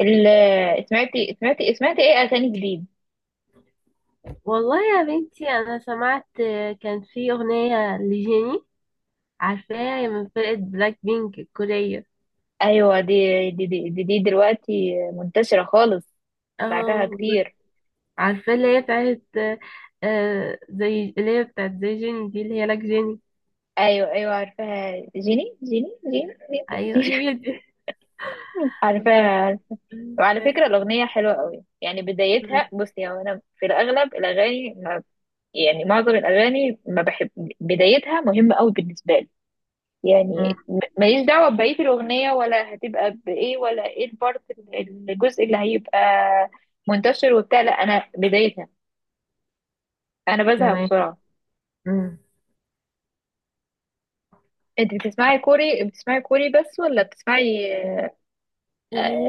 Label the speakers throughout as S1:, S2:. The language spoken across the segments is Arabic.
S1: سمعتي ايه اغاني جديد؟
S2: والله يا بنتي انا سمعت كان في اغنيه لجيني، عارفاها من فرقه بلاك بينك الكوريه.
S1: ايوه دي دلوقتي منتشره خالص بعدها
S2: اه،
S1: كتير.
S2: عارفه اللي هي بتاعت زي اللي هي بتاعت زي جيني دي اللي هي لك جيني.
S1: ايوه ايوه عارفاها، جيني،
S2: ايوه
S1: جيني.
S2: هي دي.
S1: عارفاها
S2: والله.
S1: عارفاها. وعلى فكره الاغنيه حلوه قوي، يعني
S2: أمم،
S1: بدايتها. بصي، هو انا في الاغلب الاغاني ما، يعني معظم الاغاني ما بحب. بدايتها مهمه قوي بالنسبه لي، يعني ماليش دعوة ببقية الأغنية ولا هتبقى بإيه ولا إيه البارت الجزء اللي هيبقى منتشر وبتاع، لا أنا بدايتها، أنا بزهق
S2: تمام.
S1: بسرعة.
S2: أمم.
S1: أنت بتسمعي كوري، بس، ولا بتسمعي؟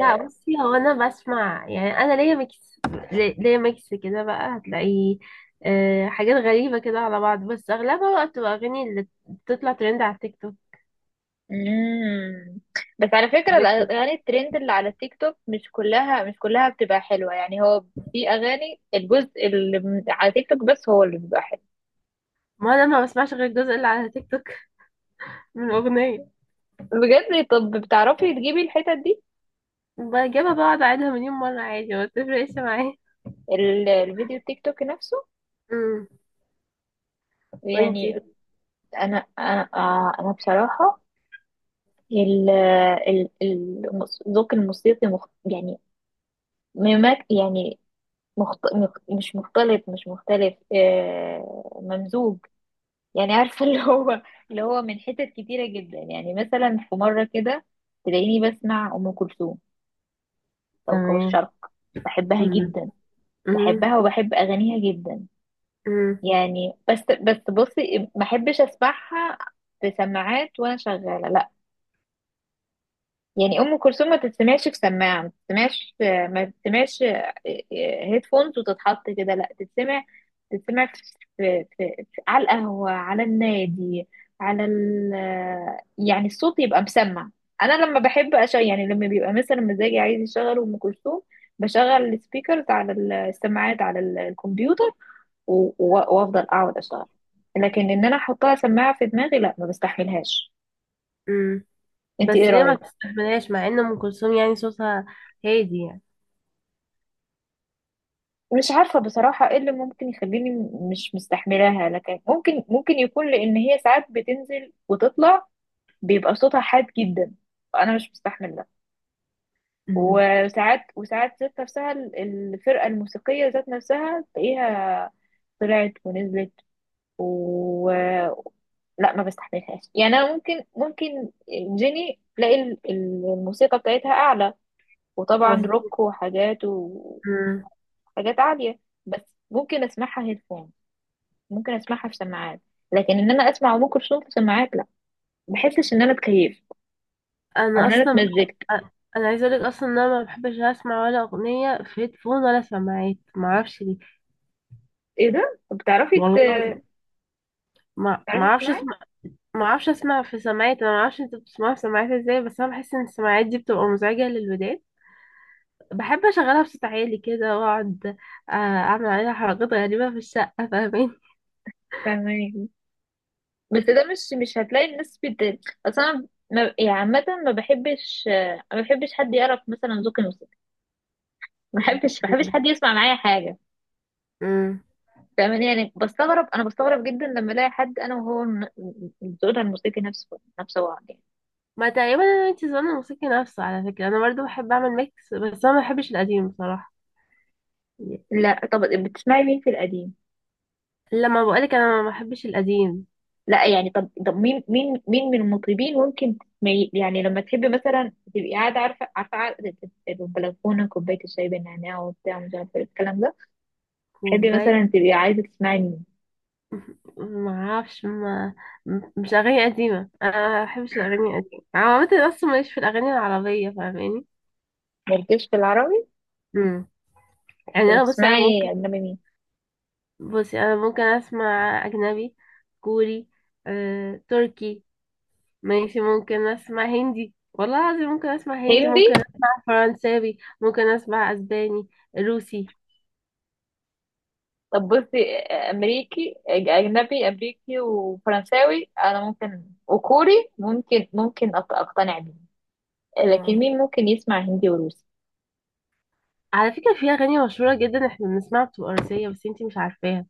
S2: لا بصي، هو انا بسمع يعني انا ليا ميكس، ليا ميكس كده بقى. هتلاقي حاجات غريبة كده على بعض، بس أغلبها بقى بتبقى أغاني اللي بتطلع ترند على التيك توك.
S1: مم. بس على فكرة
S2: عجبتني.
S1: الأغاني الترند اللي على التيك توك مش كلها، بتبقى حلوة. يعني هو في أغاني الجزء اللي على تيك توك بس هو اللي بيبقى حلو.
S2: ما انا ما بسمعش غير الجزء اللي على تيك توك من الاغنيه.
S1: بجد؟ طب بتعرفي تجيبي الحتت دي،
S2: بجيبها بقعد اعيدها مليون مره عادي، ما بتفرقش معايا.
S1: الفيديو التيك توك نفسه
S2: امم.
S1: يعني؟
S2: وانتي؟
S1: انا بصراحه الذوق الموسيقي مخ يعني، ممك يعني، مخت مخ مش مختلط مش مختلف، ممزوج يعني. عارفه اللي هو، اللي هو من حتت كتيره جدا. يعني مثلا في مره كده تلاقيني بسمع ام كلثوم، كوكب
S2: تمام.
S1: الشرق. بحبها
S2: امم.
S1: جدا،
S2: امم.
S1: بحبها وبحب اغانيها جدا.
S2: امم.
S1: يعني بس بصي، ما احبش اسمعها في سماعات وانا شغاله، لا. يعني ام كلثوم ما تتسمعش في سماعه، ما تتسمعش هيدفونز وتتحط كده، لا. تتسمع، تتسمع في على القهوه، على النادي، على ال، يعني الصوت يبقى مسمع. انا لما بحب أشغل، يعني لما بيبقى مثلا مزاجي عايز يشغل ام كلثوم، بشغل السبيكرز على، السماعات على الكمبيوتر وافضل اقعد اشتغل. لكن ان انا احطها سماعه في دماغي، لا، ما بستحملهاش.
S2: امم.
S1: انت
S2: بس
S1: ايه
S2: ليه ما
S1: رايك؟
S2: بتستحملهاش مع ان ام كلثوم يعني صوتها هادي يعني؟
S1: مش عارفة بصراحة ايه اللي ممكن يخليني مش مستحملاها، لكن ممكن، ممكن يكون لأن هي ساعات بتنزل وتطلع، بيبقى صوتها حاد جدا، وأنا مش مستحمل ده.
S2: امم.
S1: وساعات، ذات نفسها الفرقة الموسيقية ذات نفسها تلاقيها طلعت ونزلت، و، لا ما بستحملهاش. يعني أنا ممكن، جيني تلاقي الموسيقى بتاعتها أعلى، وطبعا
S2: مظبوط.
S1: روك، وحاجات
S2: امم.
S1: عالية، بس ممكن أسمعها هيدفون، ممكن اسمعها في سماعات. لكن ان انا اسمع ام كلثوم في سماعات، لا، ما بحسش ان انا اتكيفت او
S2: انا
S1: ان انا
S2: اصلا بح...
S1: اتمزجت.
S2: انا عايزه اقولك اصلا ان انا ما بحبش اسمع ولا اغنيه في هيدفون ولا سماعات، ما اعرفش ليه.
S1: ايه ده؟ طب
S2: والله العظيم ما
S1: بتعرفي
S2: اعرفش.
S1: تسمعي؟
S2: ما اعرفش اسمع في سماعات، انا ما اعرفش انت بتسمعها في سماعات ازاي، بس انا بحس ان السماعات دي بتبقى مزعجه للودان. بحب اشغلها بصوت عالي كده واقعد اعمل عليها حركات غريبه في الشقه، فاهمين.
S1: فاهماني؟ بس ده مش، مش هتلاقي الناس بت، اصلا ما... يعني عامه ما بحبش، حد يعرف مثلا ذوق الموسيقى، ما بحبش حد يسمع معايا حاجه.
S2: امم.
S1: فاهماني؟ يعني بستغرب، انا بستغرب جدا لما الاقي حد انا وهو ذوقنا الموسيقي نفسه بعض يعني.
S2: ما تقريبا انا انت زمان الموسيقى نفسه، على فكره انا برضو بحب اعمل ميكس، بس انا ما بحبش القديم بصراحه.
S1: لا طب، بتسمعي مين في القديم؟
S2: لما بقولك انا ما بحبش القديم.
S1: لا يعني، طب طب، مين من المطربين ممكن تسمعي يعني لما تحبي مثلا تبقي قاعده، عارفه قاعدة البلكونه، كوبايه الشاي بالنعناع وبتاع، مش عارفه إيه الكلام ده، تحبي
S2: كوبايه.
S1: مثلا تبقي عايزه تسمعي مين؟
S2: ما اعرفش. ما مش اغاني قديمه، انا ما بحبش الاغاني القديمه، انا عامه اصلا ماليش في الاغاني العربيه، فاهماني.
S1: مالكيش في العربي؟
S2: يعني
S1: طب
S2: انا بصي انا ممكن،
S1: بتسمعي اجنبي مين؟
S2: بصي انا ممكن اسمع اجنبي. كوري، تركي. ماشي ممكن اسمع هندي، والله العظيم ممكن اسمع هندي،
S1: هندي؟
S2: ممكن اسمع فرنساوي، ممكن اسمع اسباني، روسي.
S1: طب بصي، امريكي، اجنبي امريكي وفرنساوي انا ممكن، وكوري ممكن، ممكن اقتنع بيه. لكن
S2: اه.
S1: مين ممكن يسمع هندي وروسي؟
S2: على فكرة في اغاني مشهورة جدا احنا بنسمعها بتبقى روسية، بس انتي مش عارفاها،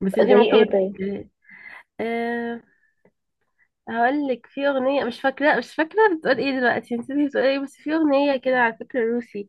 S2: بس
S1: زي
S2: انتي ممكن ما
S1: ايه طيب؟
S2: تفتكريهاش. أه، هقول لك في اغنية، مش فاكرة مش فاكرة بتقول ايه، دلوقتي نسيت بتقول ايه، بس في اغنية كده على فكرة روسي،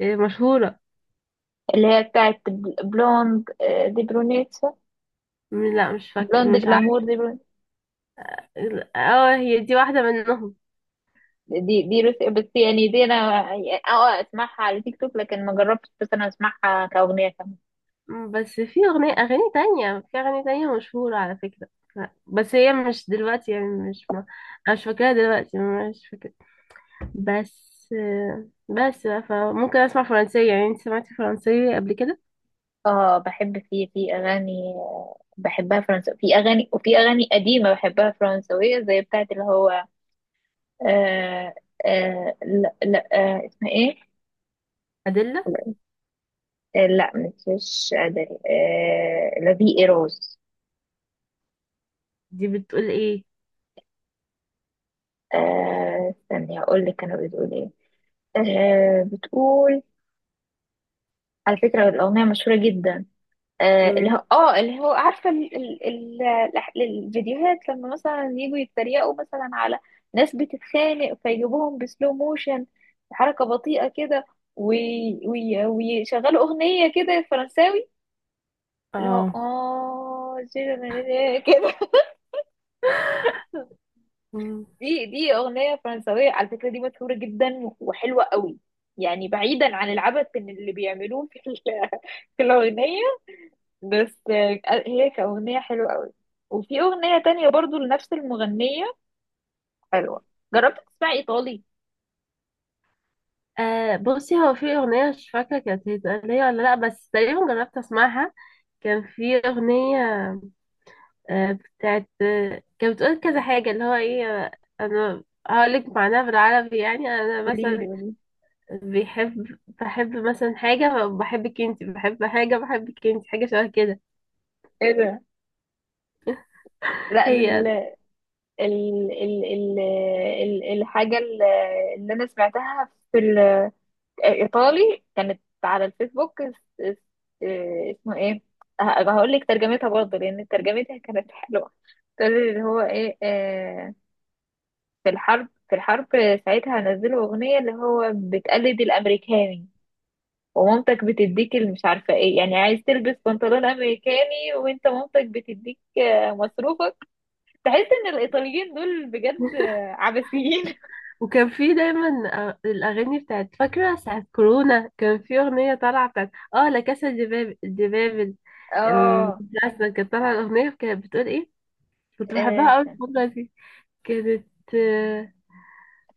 S2: مشهورة.
S1: اللي هي بتاعت بلوند، دي برونيت،
S2: لا مش
S1: بلوند
S2: فاكرة مش
S1: جلامور،
S2: عارفة. اه هي دي واحدة منهم.
S1: دي دي روس بس. يعني دي انا اه، اسمعها على تيك توك لكن ما جربتش، بس انا اسمعها كأغنية كمان.
S2: بس في أغنية، أغاني تانية، في أغاني تانية مشهورة على فكرة. لا، بس هي مش دلوقتي يعني مش ما، أنا مش فاكراها دلوقتي. مش فاكرة. بس. بس بقى، فممكن أسمع فرنسية، يعني أنت سمعتي فرنسية قبل كده؟
S1: اه بحب، في اغاني بحبها فرنسا، في اغاني وفي اغاني قديمة بحبها فرنسوية زي بتاعت اللي هو، آه آه لا لا آه اسمها ايه،
S2: أدلة.
S1: آه لا مش مش قادر آه لا في ايروز.
S2: دي بتقول إيه؟
S1: استني هقول لك كانوا بتقول ايه. بتقول، على فكرة الأغنية مشهورة جدا، اللي
S2: مم،
S1: هو اللي هو عارفه الفيديوهات لما مثلا يجوا يتريقوا مثلا على ناس بتتخانق فيجيبوهم بسلو موشن، حركه بطيئه كده، وي... ويشغلوا اغنيه كده فرنساوي اللي هو
S2: اه.
S1: اه كده.
S2: مم.
S1: دي دي اغنيه فرنساويه على فكره، دي مشهوره جدا وحلوه قوي، يعني بعيدا عن العبث اللي بيعملوه في في الاغنيه، بس هي كأغنية حلوة قوي. وفي أغنية تانية برضو لنفس المغنية حلوة. جربت تسمعي إيطالي؟
S2: آه بصي هو في أغنية مش فاكرة كانت هي ولا لأ، بس تقريبا جربت أسمعها. كان في أغنية آه، بتاعت، كانت بتقول كذا حاجة، اللي هو ايه انا هقولك معناها بالعربي، يعني انا
S1: قولي لي
S2: مثلا
S1: قولي
S2: بيحب بحب مثلا حاجة بحبك انتي، بحب حاجة بحبك انتي، حاجة شبه كده.
S1: ايه ده. لا أنا ال
S2: هي.
S1: ال ال ال ال الحاجة اللي أنا سمعتها في الإيطالي كانت على الفيسبوك اس- اسمه ايه، هقول لك ترجمتها برضه لأن ترجمتها كانت حلوة. تقول اللي هو ايه، في الحرب، ساعتها نزلوا أغنية اللي هو بتقلد الأمريكاني، ومامتك بتديك اللي مش عارفة ايه، يعني عايز تلبس بنطلون امريكاني وانت مامتك بتديك، مصروفك. تحس ان الايطاليين دول بجد عبثيين.
S2: وكان في دايما الأغاني بتاعت، فاكرة ساعة كورونا كان في أغنية طالعة بتاعت، اه لا كاسا دي دي بابل. ال-
S1: اه
S2: أصلا كانت طالعة الأغنية، كانت بتقول ايه، كنت بحبها أوي
S1: استنى،
S2: الفترة دي. كانت آه،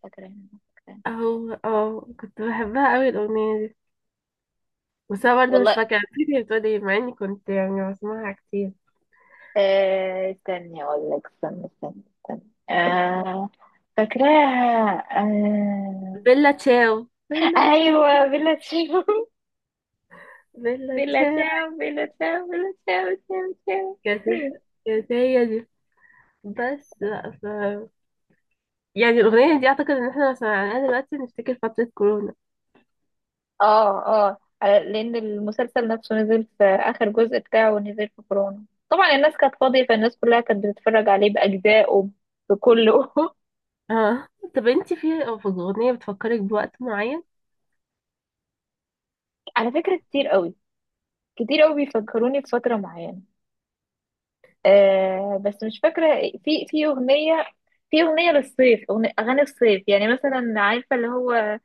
S1: فاكرة هنا، فاكرة.
S2: اهو اه كنت بحبها أوي الأغنية دي، بس انا برضه مش
S1: والله
S2: فاكره، نسيت هي بتقول ايه مع اني كنت يعني بسمعها كتير.
S1: استني اقول لك، استنى، آه، فاكراها
S2: بيلا تشاو، بيلا تشاو،
S1: ايوه.
S2: بيلا تشاو.
S1: بلا تشاو بلا تشاو، تشاو تشاو.
S2: كانت، كانت هي دي. بس لا ف... يعني الاغنيه دي اعتقد ان احنا لو سمعناها دلوقتي نفتكر فتره كورونا.
S1: اه اه، لان المسلسل نفسه نزل في اخر جزء بتاعه، نزل في كورونا، طبعا الناس كانت فاضيه، فالناس كلها كانت بتتفرج عليه باجزائه بكله.
S2: اه. طب انتي في، في اغنيه بتفكرك بوقت معين؟
S1: على فكره كتير قوي، كتير قوي بيفكروني بفتره معينه. آه بس مش فاكره. في اغنيه، في اغنيه للصيف، أغنية اغاني الصيف يعني، مثلا عارفه اللي هو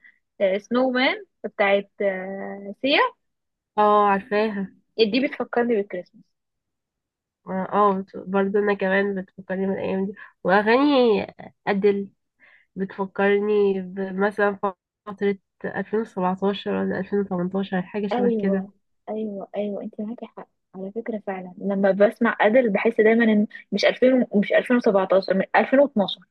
S1: سنو مان بتاعت سيا؟
S2: اه عارفاها.
S1: دي بتفكرني بالكريسماس.
S2: اه، برضه انا كمان بتفكرني بالايام دي. واغاني ادل بتفكرني بمثلا فتره 2017 ولا 2018، حاجه شبه كده.
S1: ايوه ايوه انت معاكي حق. على فكره فعلا لما بسمع ادل بحس دايما ان، مش 2000 ومش 2017، من 2012.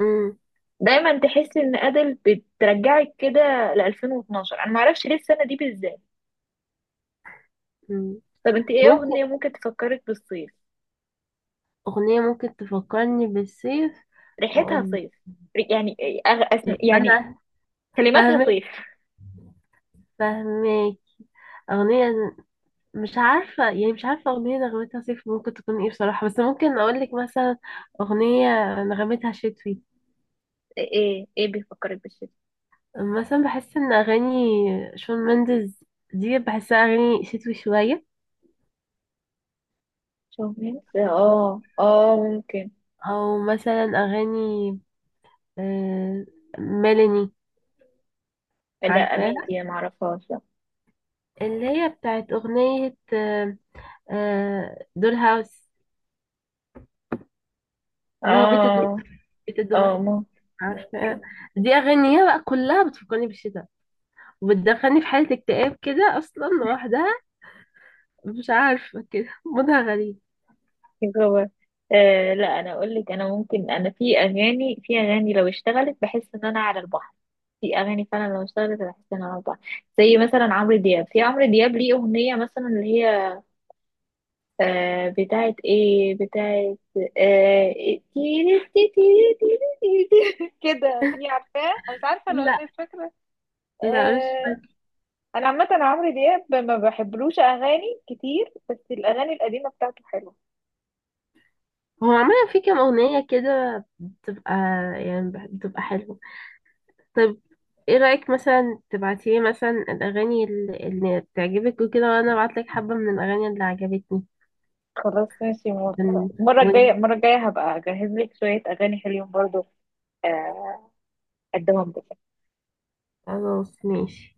S2: مم.
S1: دايما تحس ان ادل بترجعك كده ل 2012، انا ما اعرفش ليه السنه دي بالذات.
S2: مم.
S1: طب انت ايه
S2: ممكن.
S1: اغنيه ممكن تفكرك بالصيف؟
S2: أغنية ممكن تفكرني بالصيف.
S1: ريحتها
S2: أقول.
S1: صيف، يعني إيه يعني
S2: أنا
S1: كلماتها
S2: فاهمك.
S1: صيف.
S2: فاهمك. أغنية. مش عارفة يعني، مش عارفة أغنية نغمتها صيف ممكن تكون إيه بصراحة، بس ممكن أقول لك مثلا أغنية نغمتها شتوي.
S1: ايه؟ ايه بيفكرك بالشتاء؟
S2: مثلا بحس إن أغاني شون مندز دي بحسها أغاني شتوي شوية.
S1: شومين،
S2: أو،
S1: اه اه ممكن.
S2: أو مثلا أغاني آه، ميلاني.
S1: لا امين
S2: عارفاها،
S1: دي ما اعرفهاش، لا.
S2: اللي هي بتاعت أغنية دول هاوس، اللي هو بيت الدو،
S1: اه
S2: بيت الدمى.
S1: اه ممكن،
S2: عارفة.
S1: ممكن
S2: دي أغانيها بقى كلها بتفكرني بالشتاء وبتدخلني في حالة اكتئاب كده أصلا لوحدها، مش عارفة كده مودها غريب.
S1: جوه. آه لا انا اقول لك، انا ممكن، انا في اغاني، لو اشتغلت بحس ان انا على البحر. في اغاني فعلا لو اشتغلت بحس ان انا على البحر زي مثلا عمرو دياب. في عمرو دياب ليه اغنيه مثلا اللي هي، بتاعت ايه، بتاعت، آه إيه، تيري تيري كده، دي عارفاه؟ انا مش عارفه
S2: لا.
S1: الاغنيه، مش فاكره.
S2: لا مش
S1: آه
S2: فاكرة.
S1: انا عامه عمرو دياب ما بحبلوش اغاني كتير، بس الاغاني القديمه بتاعته حلوه.
S2: هو عمل في كام أغنية كده بتبقى يعني بتبقى حلوة. طب ايه رأيك مثلا تبعتيلي مثلا الأغاني اللي بتعجبك وكده، وأنا أبعتلك حبة من الأغاني اللي عجبتني؟
S1: خلاص ماشي،
S2: ون،
S1: موافقة. المرة
S2: ون-
S1: الجاية، المرة الجاية هبقى أجهز لك شوية أغاني حلوين برضو، آه، أقدمهم لك.
S2: خلاص ماشي.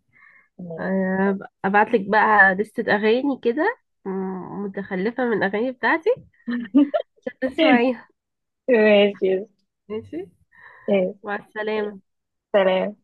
S2: ابعت لك بقى لستة اغاني كده، متخلفة من الاغاني بتاعتي عشان تسمعيها.
S1: ماشي.
S2: ماشي.
S1: ماشي.
S2: مع السلامة.
S1: سلام.